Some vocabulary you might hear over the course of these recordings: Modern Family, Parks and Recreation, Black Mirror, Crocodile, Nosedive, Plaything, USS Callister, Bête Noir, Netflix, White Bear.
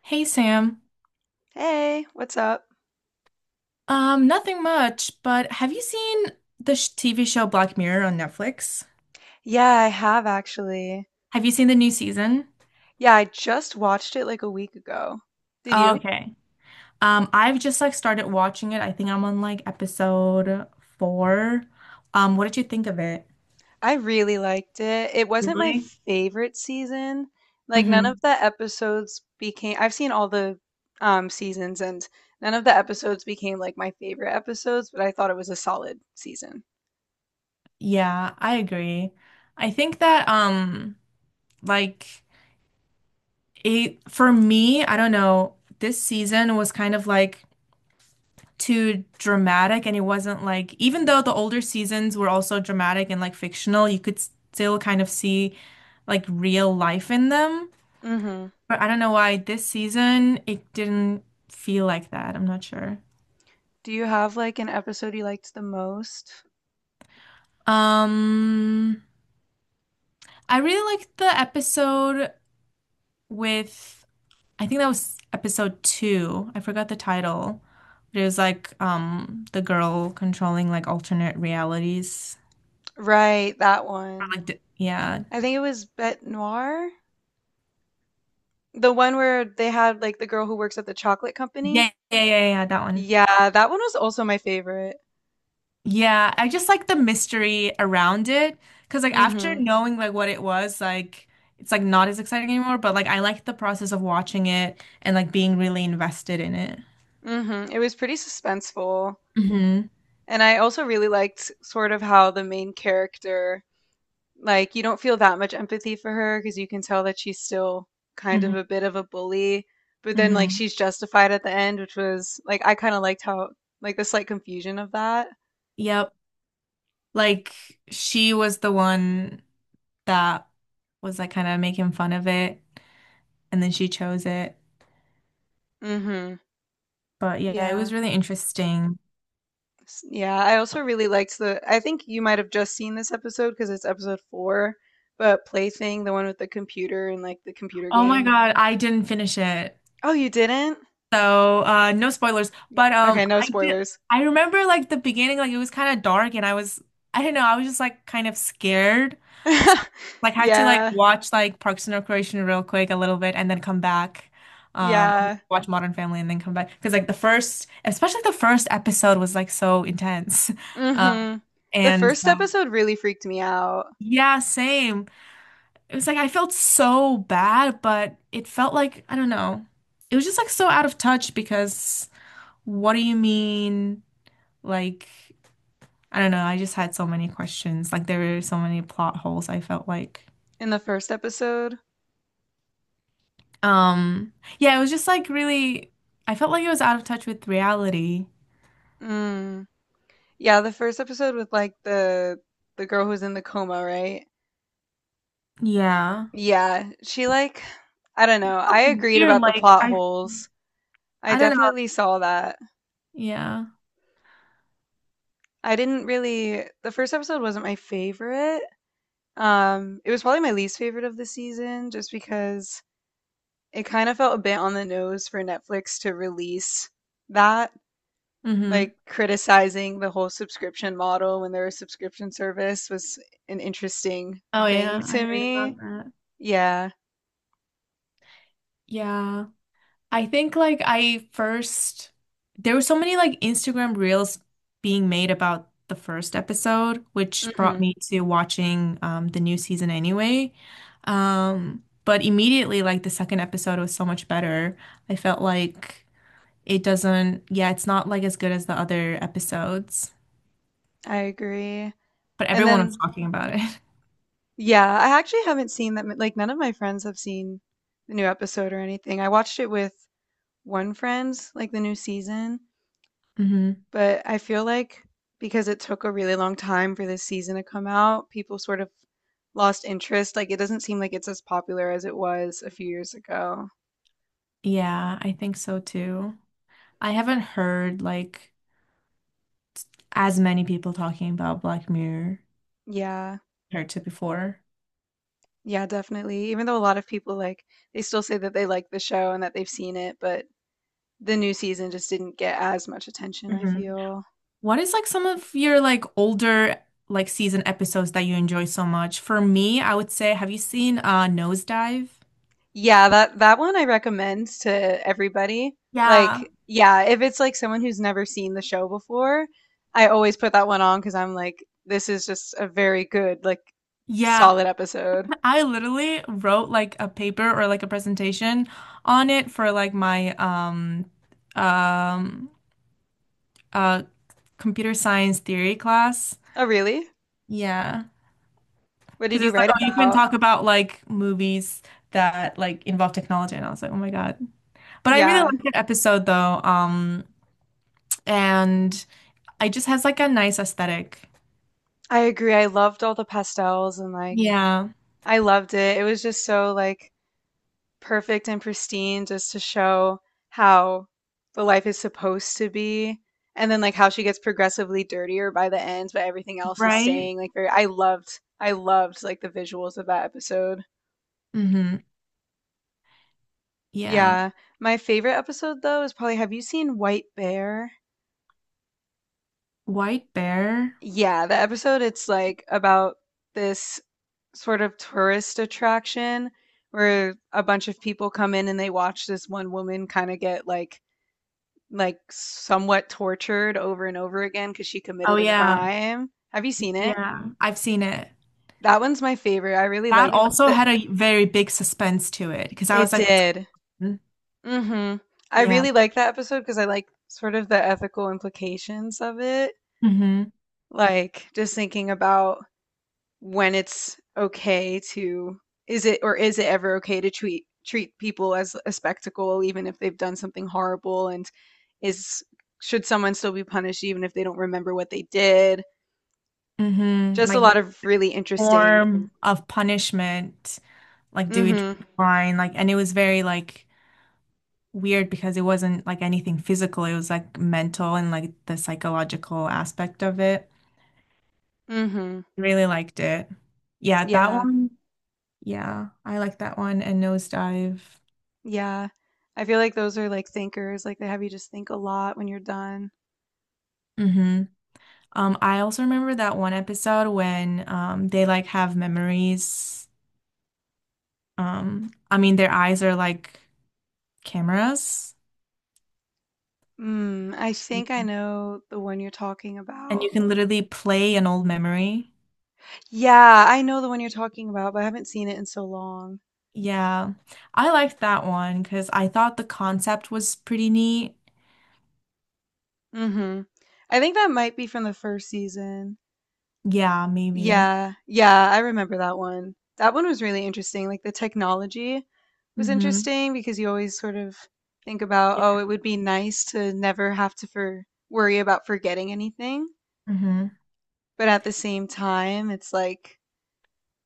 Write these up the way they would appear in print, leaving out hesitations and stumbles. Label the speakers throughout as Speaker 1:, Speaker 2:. Speaker 1: Hey Sam.
Speaker 2: Hey, what's up?
Speaker 1: Nothing much, but have you seen the sh TV show Black Mirror on Netflix?
Speaker 2: Yeah, I have actually.
Speaker 1: Have you seen the new season?
Speaker 2: Yeah, I just watched it like a week ago. Did you?
Speaker 1: Okay. I've just like started watching it. I think I'm on like episode four. What did you think of it?
Speaker 2: I really liked it. It wasn't my
Speaker 1: Really?
Speaker 2: favorite season. Like none
Speaker 1: Mm-hmm.
Speaker 2: of the episodes became I've seen all the seasons and none of the episodes became like my favorite episodes, but I thought it was a solid season.
Speaker 1: Yeah, I agree. I think that like it for me, I don't know, this season was kind of like too dramatic and it wasn't like even though the older seasons were also dramatic and like fictional, you could still kind of see like real life in them.
Speaker 2: Mm-hmm.
Speaker 1: But I don't know why this season it didn't feel like that. I'm not sure.
Speaker 2: Do you have like an episode you liked the most?
Speaker 1: Um, I really liked the episode with I think that was episode two. I forgot the title. But it was like the girl controlling like alternate realities.
Speaker 2: Right, that
Speaker 1: Or,
Speaker 2: one.
Speaker 1: like, yeah.
Speaker 2: I think it was Bête Noir. The one where they had, like, the girl who works at the chocolate company?
Speaker 1: Yeah, yeah, yeah, yeah, that one.
Speaker 2: Yeah, that one was also my favorite.
Speaker 1: Yeah, I just like the mystery around it because like after
Speaker 2: Mhm.
Speaker 1: knowing like what it was, like it's like not as exciting anymore, but like I like the process of watching it and like being really invested in it.
Speaker 2: Mhm. It was pretty suspenseful.
Speaker 1: hmm
Speaker 2: And I also really liked sort of how the main character, like, you don't feel that much empathy for her because you can tell that she's still kind of a
Speaker 1: hmm
Speaker 2: bit of a bully, but then, like,
Speaker 1: hmm
Speaker 2: she's justified at the end, which was, like, I kind of liked how, like, the slight confusion of that.
Speaker 1: Yep. Like she was the one that was like kind of making fun of it and then she chose it.
Speaker 2: Mhm.
Speaker 1: But yeah, it
Speaker 2: Yeah.
Speaker 1: was really interesting.
Speaker 2: Yeah, I also really liked the. I think you might have just seen this episode because it's episode four, but Plaything, the one with the computer and like the computer
Speaker 1: Oh my
Speaker 2: game.
Speaker 1: God, I didn't finish it.
Speaker 2: Oh, you didn't?
Speaker 1: So, no spoilers, but
Speaker 2: Okay, no
Speaker 1: I did.
Speaker 2: spoilers.
Speaker 1: I remember like the beginning, like it was kind of dark, and I was, I don't know, I was just like kind of scared. So, like, had to like
Speaker 2: Yeah,
Speaker 1: watch like Parks and Recreation real quick a little bit, and then come back. Or
Speaker 2: yeah.
Speaker 1: watch Modern Family and then come back because like the first, especially the first episode was like so intense. Um,
Speaker 2: Mm-hmm. The
Speaker 1: and
Speaker 2: first episode really freaked me out.
Speaker 1: Yeah, same. It was like I felt so bad, but it felt like I don't know. It was just like so out of touch because. What do you mean? Like, I don't know. I just had so many questions. Like, there were so many plot holes, I felt like.
Speaker 2: In the first episode,
Speaker 1: Um, yeah, it was just like really, I felt like it was out of touch with reality.
Speaker 2: mm, yeah, the first episode with like the girl who's in the coma, right?
Speaker 1: Yeah.
Speaker 2: Yeah, she like, I don't know. I
Speaker 1: Felt
Speaker 2: agreed
Speaker 1: weird,
Speaker 2: about the
Speaker 1: like
Speaker 2: plot
Speaker 1: I
Speaker 2: holes. I
Speaker 1: I don't know.
Speaker 2: definitely saw that.
Speaker 1: Yeah.
Speaker 2: I didn't really the first episode wasn't my favorite. It was probably my least favorite of the season just because it kind of felt a bit on the nose for Netflix to release that
Speaker 1: Mm-hmm.
Speaker 2: like criticizing the whole subscription model when they're a subscription service was an interesting
Speaker 1: Oh
Speaker 2: thing
Speaker 1: yeah,
Speaker 2: to
Speaker 1: I heard about
Speaker 2: me.
Speaker 1: that.
Speaker 2: Yeah.
Speaker 1: Yeah. I think like I first there were so many like Instagram reels being made about the first episode, which brought
Speaker 2: Mhm.
Speaker 1: me to watching the new season anyway. But immediately, like the second episode was so much better. I felt like it doesn't, yeah, it's not like as good as the other episodes,
Speaker 2: I agree.
Speaker 1: but
Speaker 2: And
Speaker 1: everyone was
Speaker 2: then
Speaker 1: talking about it.
Speaker 2: yeah, I actually haven't seen that like none of my friends have seen the new episode or anything. I watched it with one Friends, like the new season,
Speaker 1: hmm
Speaker 2: but I feel like because it took a really long time for this season to come out, people sort of lost interest. Like it doesn't seem like it's as popular as it was a few years ago.
Speaker 1: Yeah, I think so too. I haven't heard like as many people talking about Black Mirror
Speaker 2: Yeah.
Speaker 1: compared to before.
Speaker 2: Yeah, definitely. Even though a lot of people like they still say that they like the show and that they've seen it, but the new season just didn't get as much attention, I
Speaker 1: hmm
Speaker 2: feel.
Speaker 1: What is like some of your like older like season episodes that you enjoy so much? For me, I would say, have you seen Nosedive?
Speaker 2: Yeah, that one I recommend to everybody.
Speaker 1: Yeah.
Speaker 2: Like, yeah, if it's like someone who's never seen the show before, I always put that one on because I'm like, this is just a very good, like,
Speaker 1: Yeah,
Speaker 2: solid episode.
Speaker 1: I literally wrote like a paper or like a presentation on it for like my um uh computer science theory class.
Speaker 2: Oh, really?
Speaker 1: Yeah.
Speaker 2: What
Speaker 1: Because
Speaker 2: did you
Speaker 1: it's like,
Speaker 2: write
Speaker 1: oh, you can
Speaker 2: about?
Speaker 1: talk about like movies that like involve technology. And I was like, oh my God. But I really
Speaker 2: Yeah,
Speaker 1: liked that episode though. And It just has like a nice aesthetic.
Speaker 2: I agree. I loved all the pastels and like
Speaker 1: Yeah,
Speaker 2: I loved it. It was just so like perfect and pristine just to show how the life is supposed to be and then like how she gets progressively dirtier by the end but everything else is
Speaker 1: right?
Speaker 2: staying like very I loved like the visuals of that episode.
Speaker 1: Mm-hmm. Yeah.
Speaker 2: Yeah. My favorite episode though is probably have you seen White Bear?
Speaker 1: White Bear.
Speaker 2: Yeah, the episode it's like about this sort of tourist attraction where a bunch of people come in and they watch this one woman kind of get like somewhat tortured over and over again because she
Speaker 1: Oh
Speaker 2: committed a
Speaker 1: yeah.
Speaker 2: crime. Have you seen it?
Speaker 1: Yeah. I've seen it.
Speaker 2: That one's my favorite. I really
Speaker 1: That
Speaker 2: like
Speaker 1: also
Speaker 2: that.
Speaker 1: had a very big suspense to it because I
Speaker 2: It
Speaker 1: was like, what's
Speaker 2: did.
Speaker 1: going on?
Speaker 2: Hmm. I
Speaker 1: Yeah.
Speaker 2: really like that episode because I like sort of the ethical implications of it.
Speaker 1: Mm-hmm.
Speaker 2: Like just thinking about when it's okay to is it or is it ever okay to treat people as a spectacle even if they've done something horrible and is should someone still be punished even if they don't remember what they did.
Speaker 1: Mm-hmm.
Speaker 2: Just a
Speaker 1: Like
Speaker 2: lot of really interesting.
Speaker 1: form of punishment. Like do it
Speaker 2: Mhm,
Speaker 1: fine. Like and it was very like weird because it wasn't like anything physical. It was like mental and like the psychological aspect of it.
Speaker 2: mhm.
Speaker 1: Really liked it. Yeah, that
Speaker 2: Yeah,
Speaker 1: one. Yeah, I like that one and Nosedive.
Speaker 2: yeah. I feel like those are, like, thinkers, like, they have you just think a lot when you're done.
Speaker 1: hmm I also remember that one episode when they like have memories. I mean their eyes are like cameras
Speaker 2: Mm, I think I know the one you're talking
Speaker 1: and you
Speaker 2: about.
Speaker 1: can literally play an old memory.
Speaker 2: Yeah, I know the one you're talking about, but I haven't seen it in so long.
Speaker 1: Yeah. I liked that one because I thought the concept was pretty neat.
Speaker 2: Mhm. I think that might be from the first season.
Speaker 1: Yeah, maybe.
Speaker 2: Yeah, yeah, I remember that one. That one was really interesting. Like the technology was
Speaker 1: Mm-hmm.
Speaker 2: interesting because you always sort of think about, oh, it would be nice to never have to for worry about forgetting anything.
Speaker 1: Mm-hmm.
Speaker 2: But at the same time, it's like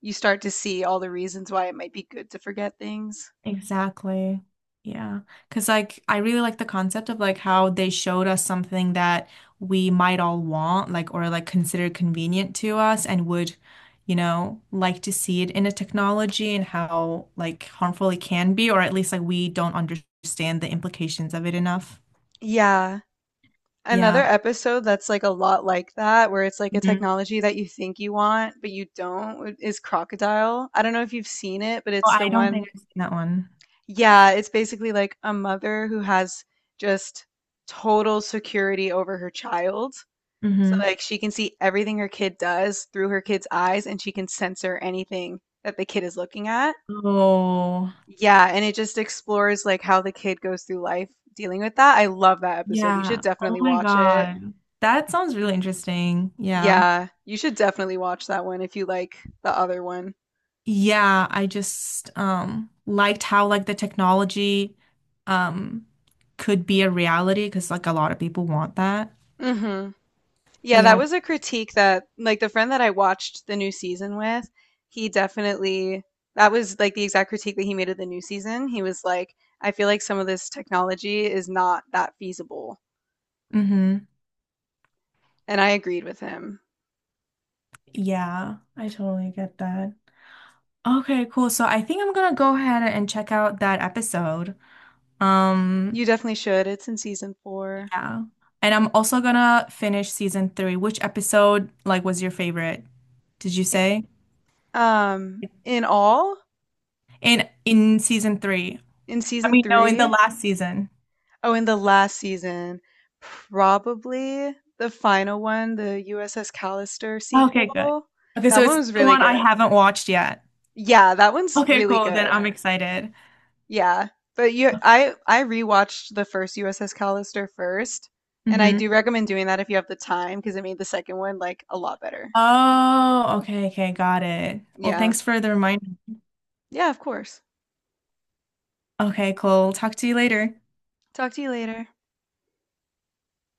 Speaker 2: you start to see all the reasons why it might be good to forget things.
Speaker 1: Exactly. Yeah. 'Cause like I really like the concept of like how they showed us something that we might all want, like or like consider convenient to us and would, you know, like to see it in a technology and how like harmful it can be, or at least like we don't understand the implications of it enough.
Speaker 2: Yeah. Another
Speaker 1: Yeah.
Speaker 2: episode that's like a lot like that, where it's like a
Speaker 1: Mhm.
Speaker 2: technology that you think you want, but you don't, is Crocodile. I don't know if you've seen it, but
Speaker 1: Oh,
Speaker 2: it's
Speaker 1: I
Speaker 2: the
Speaker 1: don't think
Speaker 2: one.
Speaker 1: I've seen that one.
Speaker 2: Yeah, it's basically like a mother who has just total security over her child. So
Speaker 1: hmm
Speaker 2: like she can see everything her kid does through her kid's eyes and she can censor anything that the kid is looking at.
Speaker 1: Oh,
Speaker 2: Yeah, and it just explores like how the kid goes through life dealing with that. I love that episode. You should
Speaker 1: yeah. Oh
Speaker 2: definitely
Speaker 1: my
Speaker 2: watch it.
Speaker 1: God. That sounds really interesting. Yeah.
Speaker 2: Yeah, you should definitely watch that one if you like the other one.
Speaker 1: Yeah, I just liked how like the technology um could be a reality because like a lot of people want that.
Speaker 2: Hmm. Yeah, that
Speaker 1: Yeah.
Speaker 2: was a critique that, like, the friend that I watched the new season with, he definitely, that was like the exact critique that he made of the new season. He was like, I feel like some of this technology is not that feasible.
Speaker 1: Mm-hmm.
Speaker 2: And I agreed with him.
Speaker 1: Yeah, I totally get that. Okay, cool. So I think I'm gonna go ahead and check out that episode. Um,
Speaker 2: You definitely should. It's in season four.
Speaker 1: yeah. And I'm also gonna finish season three. Which episode like was your favorite? Did you
Speaker 2: I-
Speaker 1: say?
Speaker 2: in all,
Speaker 1: In season three.
Speaker 2: in
Speaker 1: I
Speaker 2: season
Speaker 1: mean, no, in the
Speaker 2: three,
Speaker 1: last season.
Speaker 2: oh, in the last season, probably the final one, the USS Callister
Speaker 1: Okay, good.
Speaker 2: sequel.
Speaker 1: Okay,
Speaker 2: That
Speaker 1: so
Speaker 2: one
Speaker 1: it's
Speaker 2: was
Speaker 1: the
Speaker 2: really
Speaker 1: one I
Speaker 2: good.
Speaker 1: haven't watched yet.
Speaker 2: Yeah, that one's
Speaker 1: Okay,
Speaker 2: really
Speaker 1: cool. Then
Speaker 2: good.
Speaker 1: I'm excited.
Speaker 2: Yeah. But you I rewatched the first USS Callister first, and I
Speaker 1: hmm
Speaker 2: do recommend doing that if you have the time because it made the second one like a lot better.
Speaker 1: Oh, okay, okay, got it. Well,
Speaker 2: Yeah.
Speaker 1: thanks for the reminder.
Speaker 2: Yeah, of course.
Speaker 1: Okay, cool. Talk to you later.
Speaker 2: Talk to you later.